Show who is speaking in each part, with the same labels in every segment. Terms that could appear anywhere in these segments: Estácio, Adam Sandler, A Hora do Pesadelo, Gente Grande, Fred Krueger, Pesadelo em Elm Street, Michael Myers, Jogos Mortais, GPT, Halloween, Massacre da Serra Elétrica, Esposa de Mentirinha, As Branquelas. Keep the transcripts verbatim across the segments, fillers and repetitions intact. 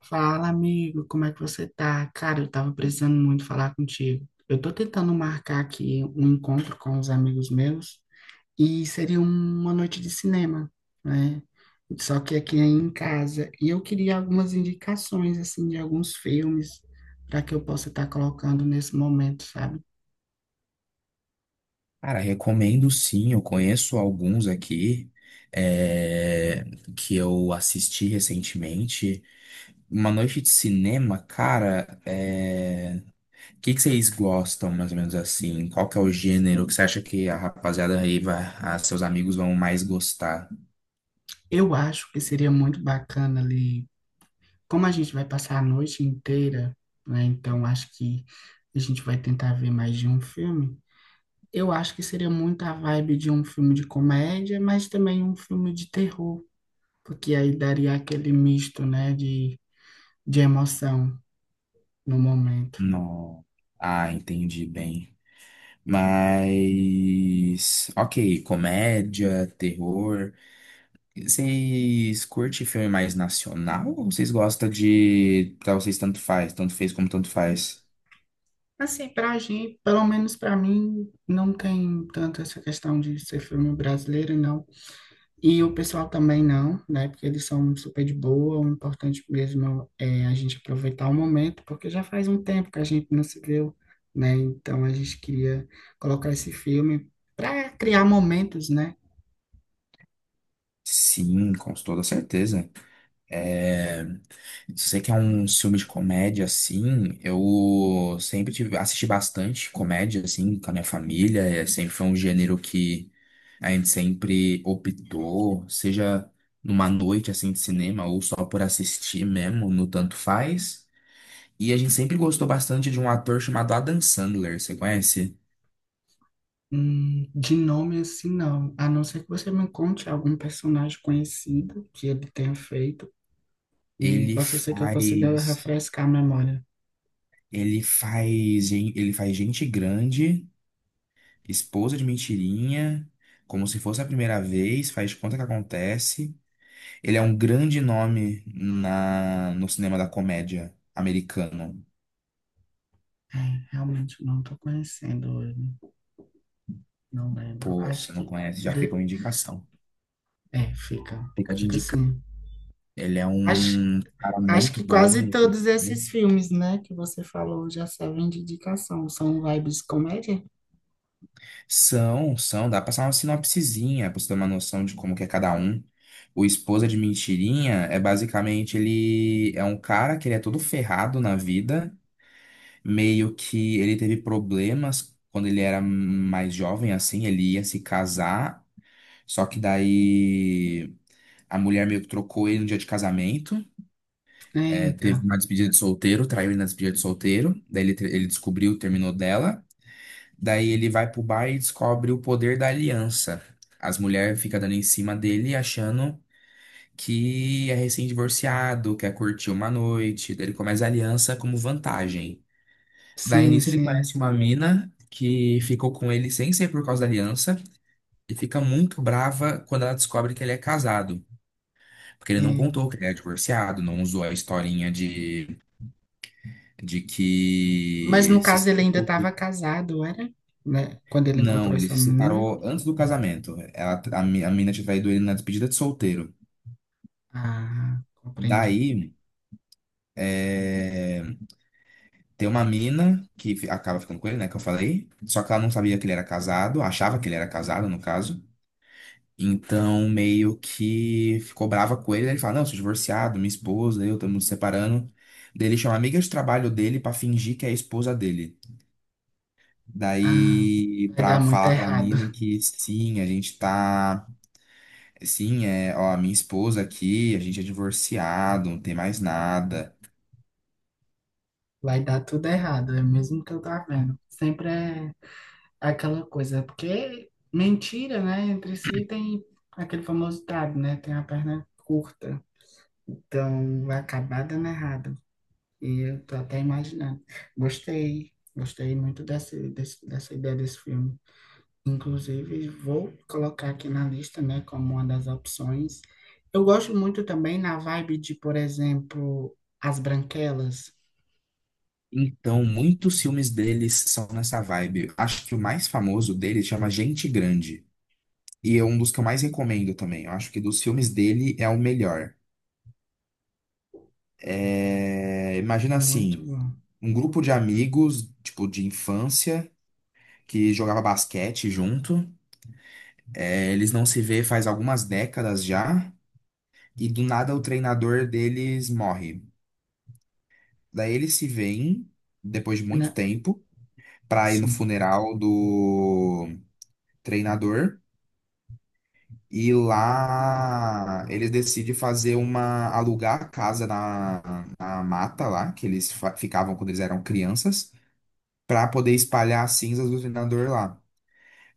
Speaker 1: Fala, amigo, como é que você tá? Cara, eu tava precisando muito falar contigo. Eu tô tentando marcar aqui um encontro com os amigos meus e seria uma noite de cinema, né? Só que aqui é em casa. E eu queria algumas indicações, assim, de alguns filmes para que eu possa estar colocando nesse momento, sabe?
Speaker 2: Cara, recomendo sim, eu conheço alguns aqui é, que eu assisti recentemente. Uma noite de cinema, cara, é... o que que vocês gostam mais ou menos assim? Qual que é o gênero que você acha que a rapaziada aí vai, a seus amigos vão mais gostar?
Speaker 1: Eu acho que seria muito bacana ali, como a gente vai passar a noite inteira, né? Então acho que a gente vai tentar ver mais de um filme. Eu acho que seria muito a vibe de um filme de comédia, mas também um filme de terror, porque aí daria aquele misto, né, de, de emoção no momento.
Speaker 2: Não. Ah, entendi bem. Mas, ok, comédia, terror. Vocês curtem filme mais nacional ou vocês gostam de. Pra vocês tanto faz, tanto fez como tanto faz?
Speaker 1: Assim, pra gente, pelo menos pra mim, não tem tanto essa questão de ser filme brasileiro, não. E o pessoal também não, né, porque eles são super de boa. O importante mesmo é a gente aproveitar o momento, porque já faz um tempo que a gente não se viu, né, então a gente queria colocar esse filme para criar momentos, né?
Speaker 2: Sim, com toda certeza. É, Se você quer um filme de comédia assim, eu sempre tive, assisti bastante comédia assim com a minha família. É, sempre foi um gênero que a gente sempre optou, seja numa noite assim de cinema ou só por assistir mesmo, no tanto faz. E a gente sempre gostou bastante de um ator chamado Adam Sandler, você conhece?
Speaker 1: Hum, de nome assim, não. A não ser que você me conte algum personagem conhecido que ele tenha feito e
Speaker 2: Ele
Speaker 1: possa ser que eu consiga
Speaker 2: faz,
Speaker 1: refrescar a memória.
Speaker 2: ele faz, gen- Ele faz Gente Grande, Esposa de Mentirinha, Como Se Fosse a Primeira Vez, Faz de Conta Que Acontece. Ele é um grande nome na, no cinema da comédia americano.
Speaker 1: É, realmente não estou conhecendo ele, não lembro.
Speaker 2: Pô,
Speaker 1: Acho
Speaker 2: se não
Speaker 1: que
Speaker 2: conhece, já fica uma
Speaker 1: de...
Speaker 2: indicação.
Speaker 1: é, fica,
Speaker 2: Fica de.
Speaker 1: fica assim.
Speaker 2: Ele é
Speaker 1: Acho,
Speaker 2: um cara
Speaker 1: acho
Speaker 2: muito
Speaker 1: que
Speaker 2: bom
Speaker 1: quase
Speaker 2: no que ele
Speaker 1: todos esses
Speaker 2: faz.
Speaker 1: filmes, né, que você falou já servem de indicação. São vibes comédia?
Speaker 2: São, são, dá pra passar uma sinopsezinha pra você ter uma noção de como que é cada um. O Esposa de Mentirinha é basicamente: ele é um cara que ele é todo ferrado na vida, meio que ele teve problemas quando ele era mais jovem, assim, ele ia se casar, só que daí a mulher meio que trocou ele no dia de casamento, é,
Speaker 1: Eita,
Speaker 2: teve uma despedida de solteiro, traiu ele na despedida de solteiro, daí ele, ele descobriu, terminou dela. Daí ele vai pro bar e descobre o poder da aliança. As mulheres ficam dando em cima dele, achando que é recém-divorciado, quer curtir uma noite. Daí ele começa a aliança como vantagem. Daí
Speaker 1: sim,
Speaker 2: nisso ele
Speaker 1: sim.
Speaker 2: conhece uma mina que ficou com ele sem ser por causa da aliança e fica muito brava quando ela descobre que ele é casado. Porque ele não contou que ele é divorciado, não usou a historinha de, de
Speaker 1: Mas
Speaker 2: que
Speaker 1: no
Speaker 2: se
Speaker 1: caso ele ainda estava
Speaker 2: separou.
Speaker 1: casado, era? Né? Quando ele encontrou
Speaker 2: Não, ele
Speaker 1: essa
Speaker 2: se
Speaker 1: menina?
Speaker 2: separou antes do casamento. Ela, a, mi- a mina tinha traído ele na despedida de solteiro.
Speaker 1: Ah, compreendi.
Speaker 2: Daí, é, tem uma mina que fi- acaba ficando com ele, né? Que eu falei. Só que ela não sabia que ele era casado, achava que ele era casado, no caso. Então, meio que ficou brava com ele. Daí ele fala: Não, sou divorciado, minha esposa, eu estamos nos separando. Daí ele chama a amiga de trabalho dele pra fingir que é a esposa dele.
Speaker 1: Ah,
Speaker 2: Daí,
Speaker 1: vai dar
Speaker 2: pra
Speaker 1: muito
Speaker 2: falar pra
Speaker 1: errado.
Speaker 2: mina que sim, a gente tá. Sim, é, ó, a minha esposa aqui, a gente é divorciado, não tem mais nada.
Speaker 1: Vai dar tudo errado, é mesmo que eu tá vendo. Sempre é aquela coisa, é porque mentira, né? Entre si tem aquele famoso ditado, né? Tem a perna curta. Então vai acabar dando errado. E eu tô até imaginando. Gostei, gostei muito dessa, dessa ideia desse filme. Inclusive, vou colocar aqui na lista, né, como uma das opções. Eu gosto muito também na vibe de, por exemplo, As Branquelas.
Speaker 2: Então, muitos filmes deles são nessa vibe. Acho que o mais famoso dele chama Gente Grande. E é um dos que eu mais recomendo também. Eu acho que dos filmes dele é o melhor. É, imagina
Speaker 1: Muito
Speaker 2: assim,
Speaker 1: bom.
Speaker 2: um grupo de amigos, tipo, de infância, que jogava basquete junto. É, eles não se vê faz algumas décadas já. E do nada o treinador deles morre. Daí eles se veem depois de muito
Speaker 1: Né?
Speaker 2: tempo pra ir no
Speaker 1: Sim.
Speaker 2: funeral do treinador e lá eles decidem fazer uma alugar a casa na, na mata lá que eles fa- ficavam quando eles eram crianças pra poder espalhar as cinzas do treinador lá.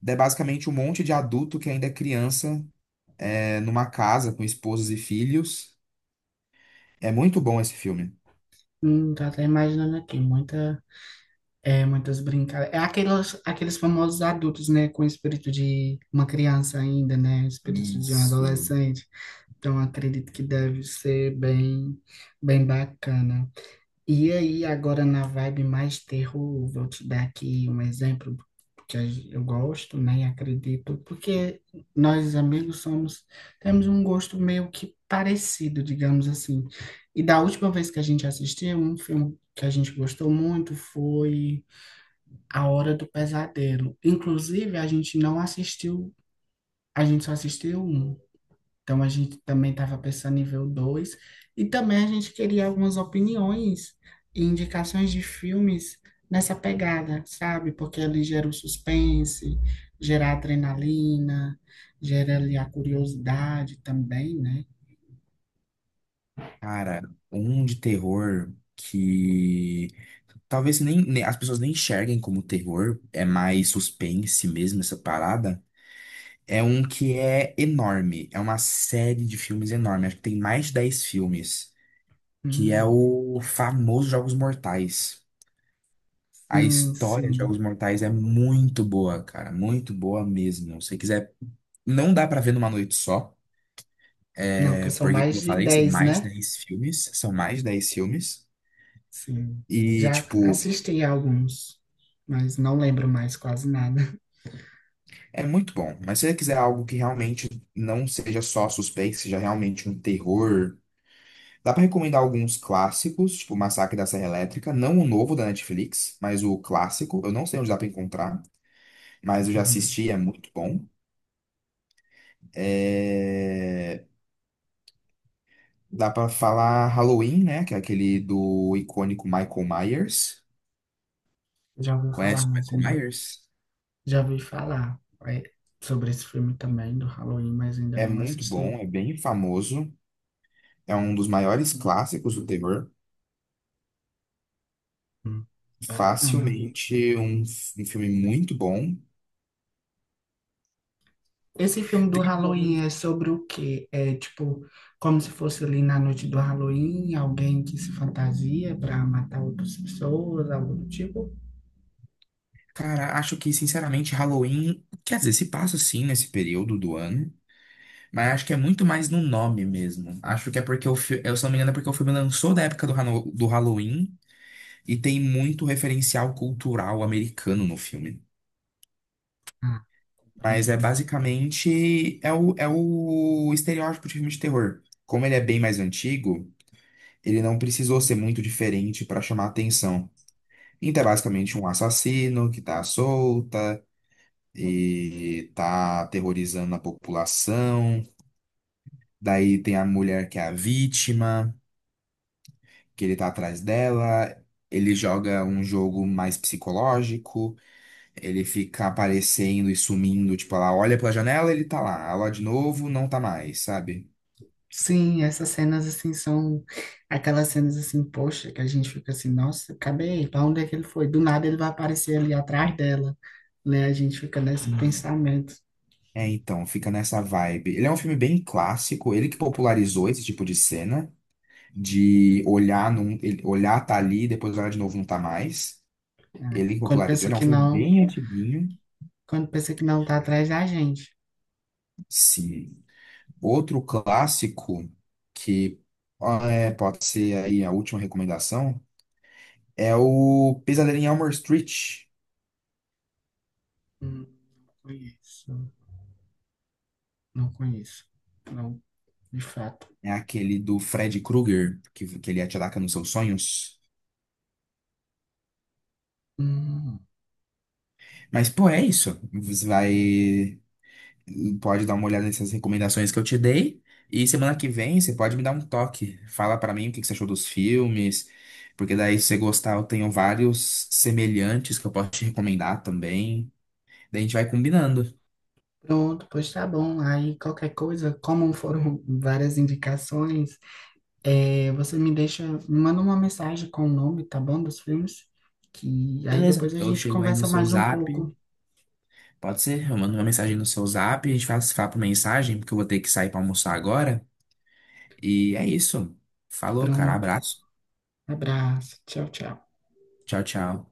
Speaker 2: Daí basicamente um monte de adulto que ainda é criança, é, numa casa com esposas e filhos. É muito bom esse filme.
Speaker 1: Hum, tô até imaginando aqui, muita, é, muitas brincadeiras. É aqueles, aqueles famosos adultos, né, com o espírito de uma criança ainda, né, o espírito de um
Speaker 2: Isso,
Speaker 1: adolescente. Então, acredito que deve ser bem, bem bacana. E aí, agora na vibe mais terror, vou te dar aqui um exemplo que a gen- eu gosto, né? E acredito, porque nós amigos somos, temos um gosto meio que parecido, digamos assim. E da última vez que a gente assistiu, um filme que a gente gostou muito foi A Hora do Pesadelo. Inclusive, a gente não assistiu, a gente só assistiu um. Então a gente também estava pensando em ver o dois e também a gente queria algumas opiniões e indicações de filmes nessa pegada, sabe? Porque ele gera o suspense, gera a adrenalina, gera ali a curiosidade também, né?
Speaker 2: cara, um de terror que talvez nem, nem- as pessoas nem enxerguem como terror, é mais suspense mesmo essa parada. É um que é enorme, é uma série de filmes enorme, acho que tem mais de dez filmes, que é
Speaker 1: Hum.
Speaker 2: o famoso Jogos Mortais. A
Speaker 1: Sim,
Speaker 2: história de
Speaker 1: sim.
Speaker 2: Jogos Mortais é muito boa, cara, muito boa mesmo. Se você quiser, não dá pra ver numa noite só,
Speaker 1: Não, que
Speaker 2: é
Speaker 1: são
Speaker 2: porque, como
Speaker 1: mais
Speaker 2: eu
Speaker 1: de
Speaker 2: falei, são
Speaker 1: dez
Speaker 2: mais de
Speaker 1: né?
Speaker 2: dez filmes, são mais de dez filmes.
Speaker 1: Sim.
Speaker 2: E,
Speaker 1: Já
Speaker 2: tipo,
Speaker 1: assisti a alguns, mas não lembro mais quase nada.
Speaker 2: é muito bom, mas se você quiser algo que realmente não seja só suspense, seja realmente um terror, dá pra recomendar alguns clássicos, tipo Massacre da Serra Elétrica, não o novo da Netflix, mas o clássico. Eu não sei onde dá pra encontrar, mas eu já
Speaker 1: Uhum.
Speaker 2: assisti, é muito bom. É, dá pra falar Halloween, né? Que é aquele do icônico Michael Myers.
Speaker 1: Já ouvi falar,
Speaker 2: Conhece
Speaker 1: mas
Speaker 2: o Michael
Speaker 1: ainda.
Speaker 2: Myers?
Speaker 1: Já ouvi falar é, sobre esse filme também, do Halloween, mas ainda
Speaker 2: É
Speaker 1: não
Speaker 2: muito
Speaker 1: assisti.
Speaker 2: bom, é bem famoso, é um dos maiores clássicos do terror.
Speaker 1: Hum, Bacana.
Speaker 2: Facilmente um, um filme muito bom.
Speaker 1: Esse filme do
Speaker 2: Tem
Speaker 1: Halloween
Speaker 2: um,
Speaker 1: é sobre o quê? É tipo, como se fosse ali na noite do Halloween, alguém que se fantasia para matar outras pessoas, algo do tipo?
Speaker 2: cara, acho que sinceramente Halloween, quer dizer, se passa sim nesse período do ano, mas acho que é muito mais no nome mesmo. Acho que é porque o filme, eu se não me engano, é porque o filme lançou da época do, Hano- do Halloween e tem muito referencial cultural americano no filme.
Speaker 1: Ah,
Speaker 2: Mas
Speaker 1: é.
Speaker 2: é basicamente é o, é o estereótipo de filme de terror. Como ele é bem mais antigo, ele não precisou ser muito diferente para chamar atenção. Então, é basicamente um assassino que tá à solta e tá aterrorizando a população. Daí tem a mulher que é a vítima, que ele tá atrás dela. Ele joga um jogo mais psicológico, ele fica aparecendo e sumindo, tipo, ela olha pela janela, ele tá lá, ela olha de novo, não tá mais, sabe?
Speaker 1: Sim, essas cenas assim são aquelas cenas assim, poxa, que a gente fica assim, nossa, cadê ele? Para onde é que ele foi? Do nada ele vai aparecer ali atrás dela, né? A gente fica nesse
Speaker 2: Hum.
Speaker 1: pensamento.
Speaker 2: É, então, fica nessa vibe. Ele é um filme bem clássico, ele que popularizou esse tipo de cena. De olhar, num, ele- Olhar, tá ali, depois olhar de novo, não tá mais. Ele que
Speaker 1: Quando
Speaker 2: popularizou,
Speaker 1: pensa
Speaker 2: ele é um
Speaker 1: que
Speaker 2: filme
Speaker 1: não,
Speaker 2: bem antiguinho.
Speaker 1: quando pensa que não tá atrás da gente.
Speaker 2: Sim. Outro clássico que, ah, é, pode ser aí a última recomendação, é o Pesadelo em Elm Street.
Speaker 1: Hum, não conheço, não conheço, não, de fato.
Speaker 2: É aquele do Fred Krueger, que, que ele ataca nos seus sonhos.
Speaker 1: Hum,
Speaker 2: Mas, pô, é isso. Vai. E pode dar uma olhada nessas recomendações que eu te dei. E semana que vem você pode me dar um toque. Fala pra mim o que que você achou dos filmes, porque daí se você gostar, eu tenho vários semelhantes que eu posso te recomendar também. Daí a gente vai combinando.
Speaker 1: pronto, pois tá bom. Aí qualquer coisa, como foram várias indicações, é, você me deixa, me manda uma mensagem com o nome, tá bom, dos filmes, que aí
Speaker 2: Beleza,
Speaker 1: depois a
Speaker 2: eu
Speaker 1: gente
Speaker 2: chego aí no
Speaker 1: conversa
Speaker 2: seu
Speaker 1: mais um
Speaker 2: zap.
Speaker 1: pouco.
Speaker 2: Pode ser? Eu mando uma mensagem no seu zap, a gente faz fala por mensagem, porque eu vou ter que sair pra almoçar agora. E é isso. Falou, cara.
Speaker 1: Pronto.
Speaker 2: Abraço.
Speaker 1: Abraço. Tchau, tchau.
Speaker 2: Tchau, tchau.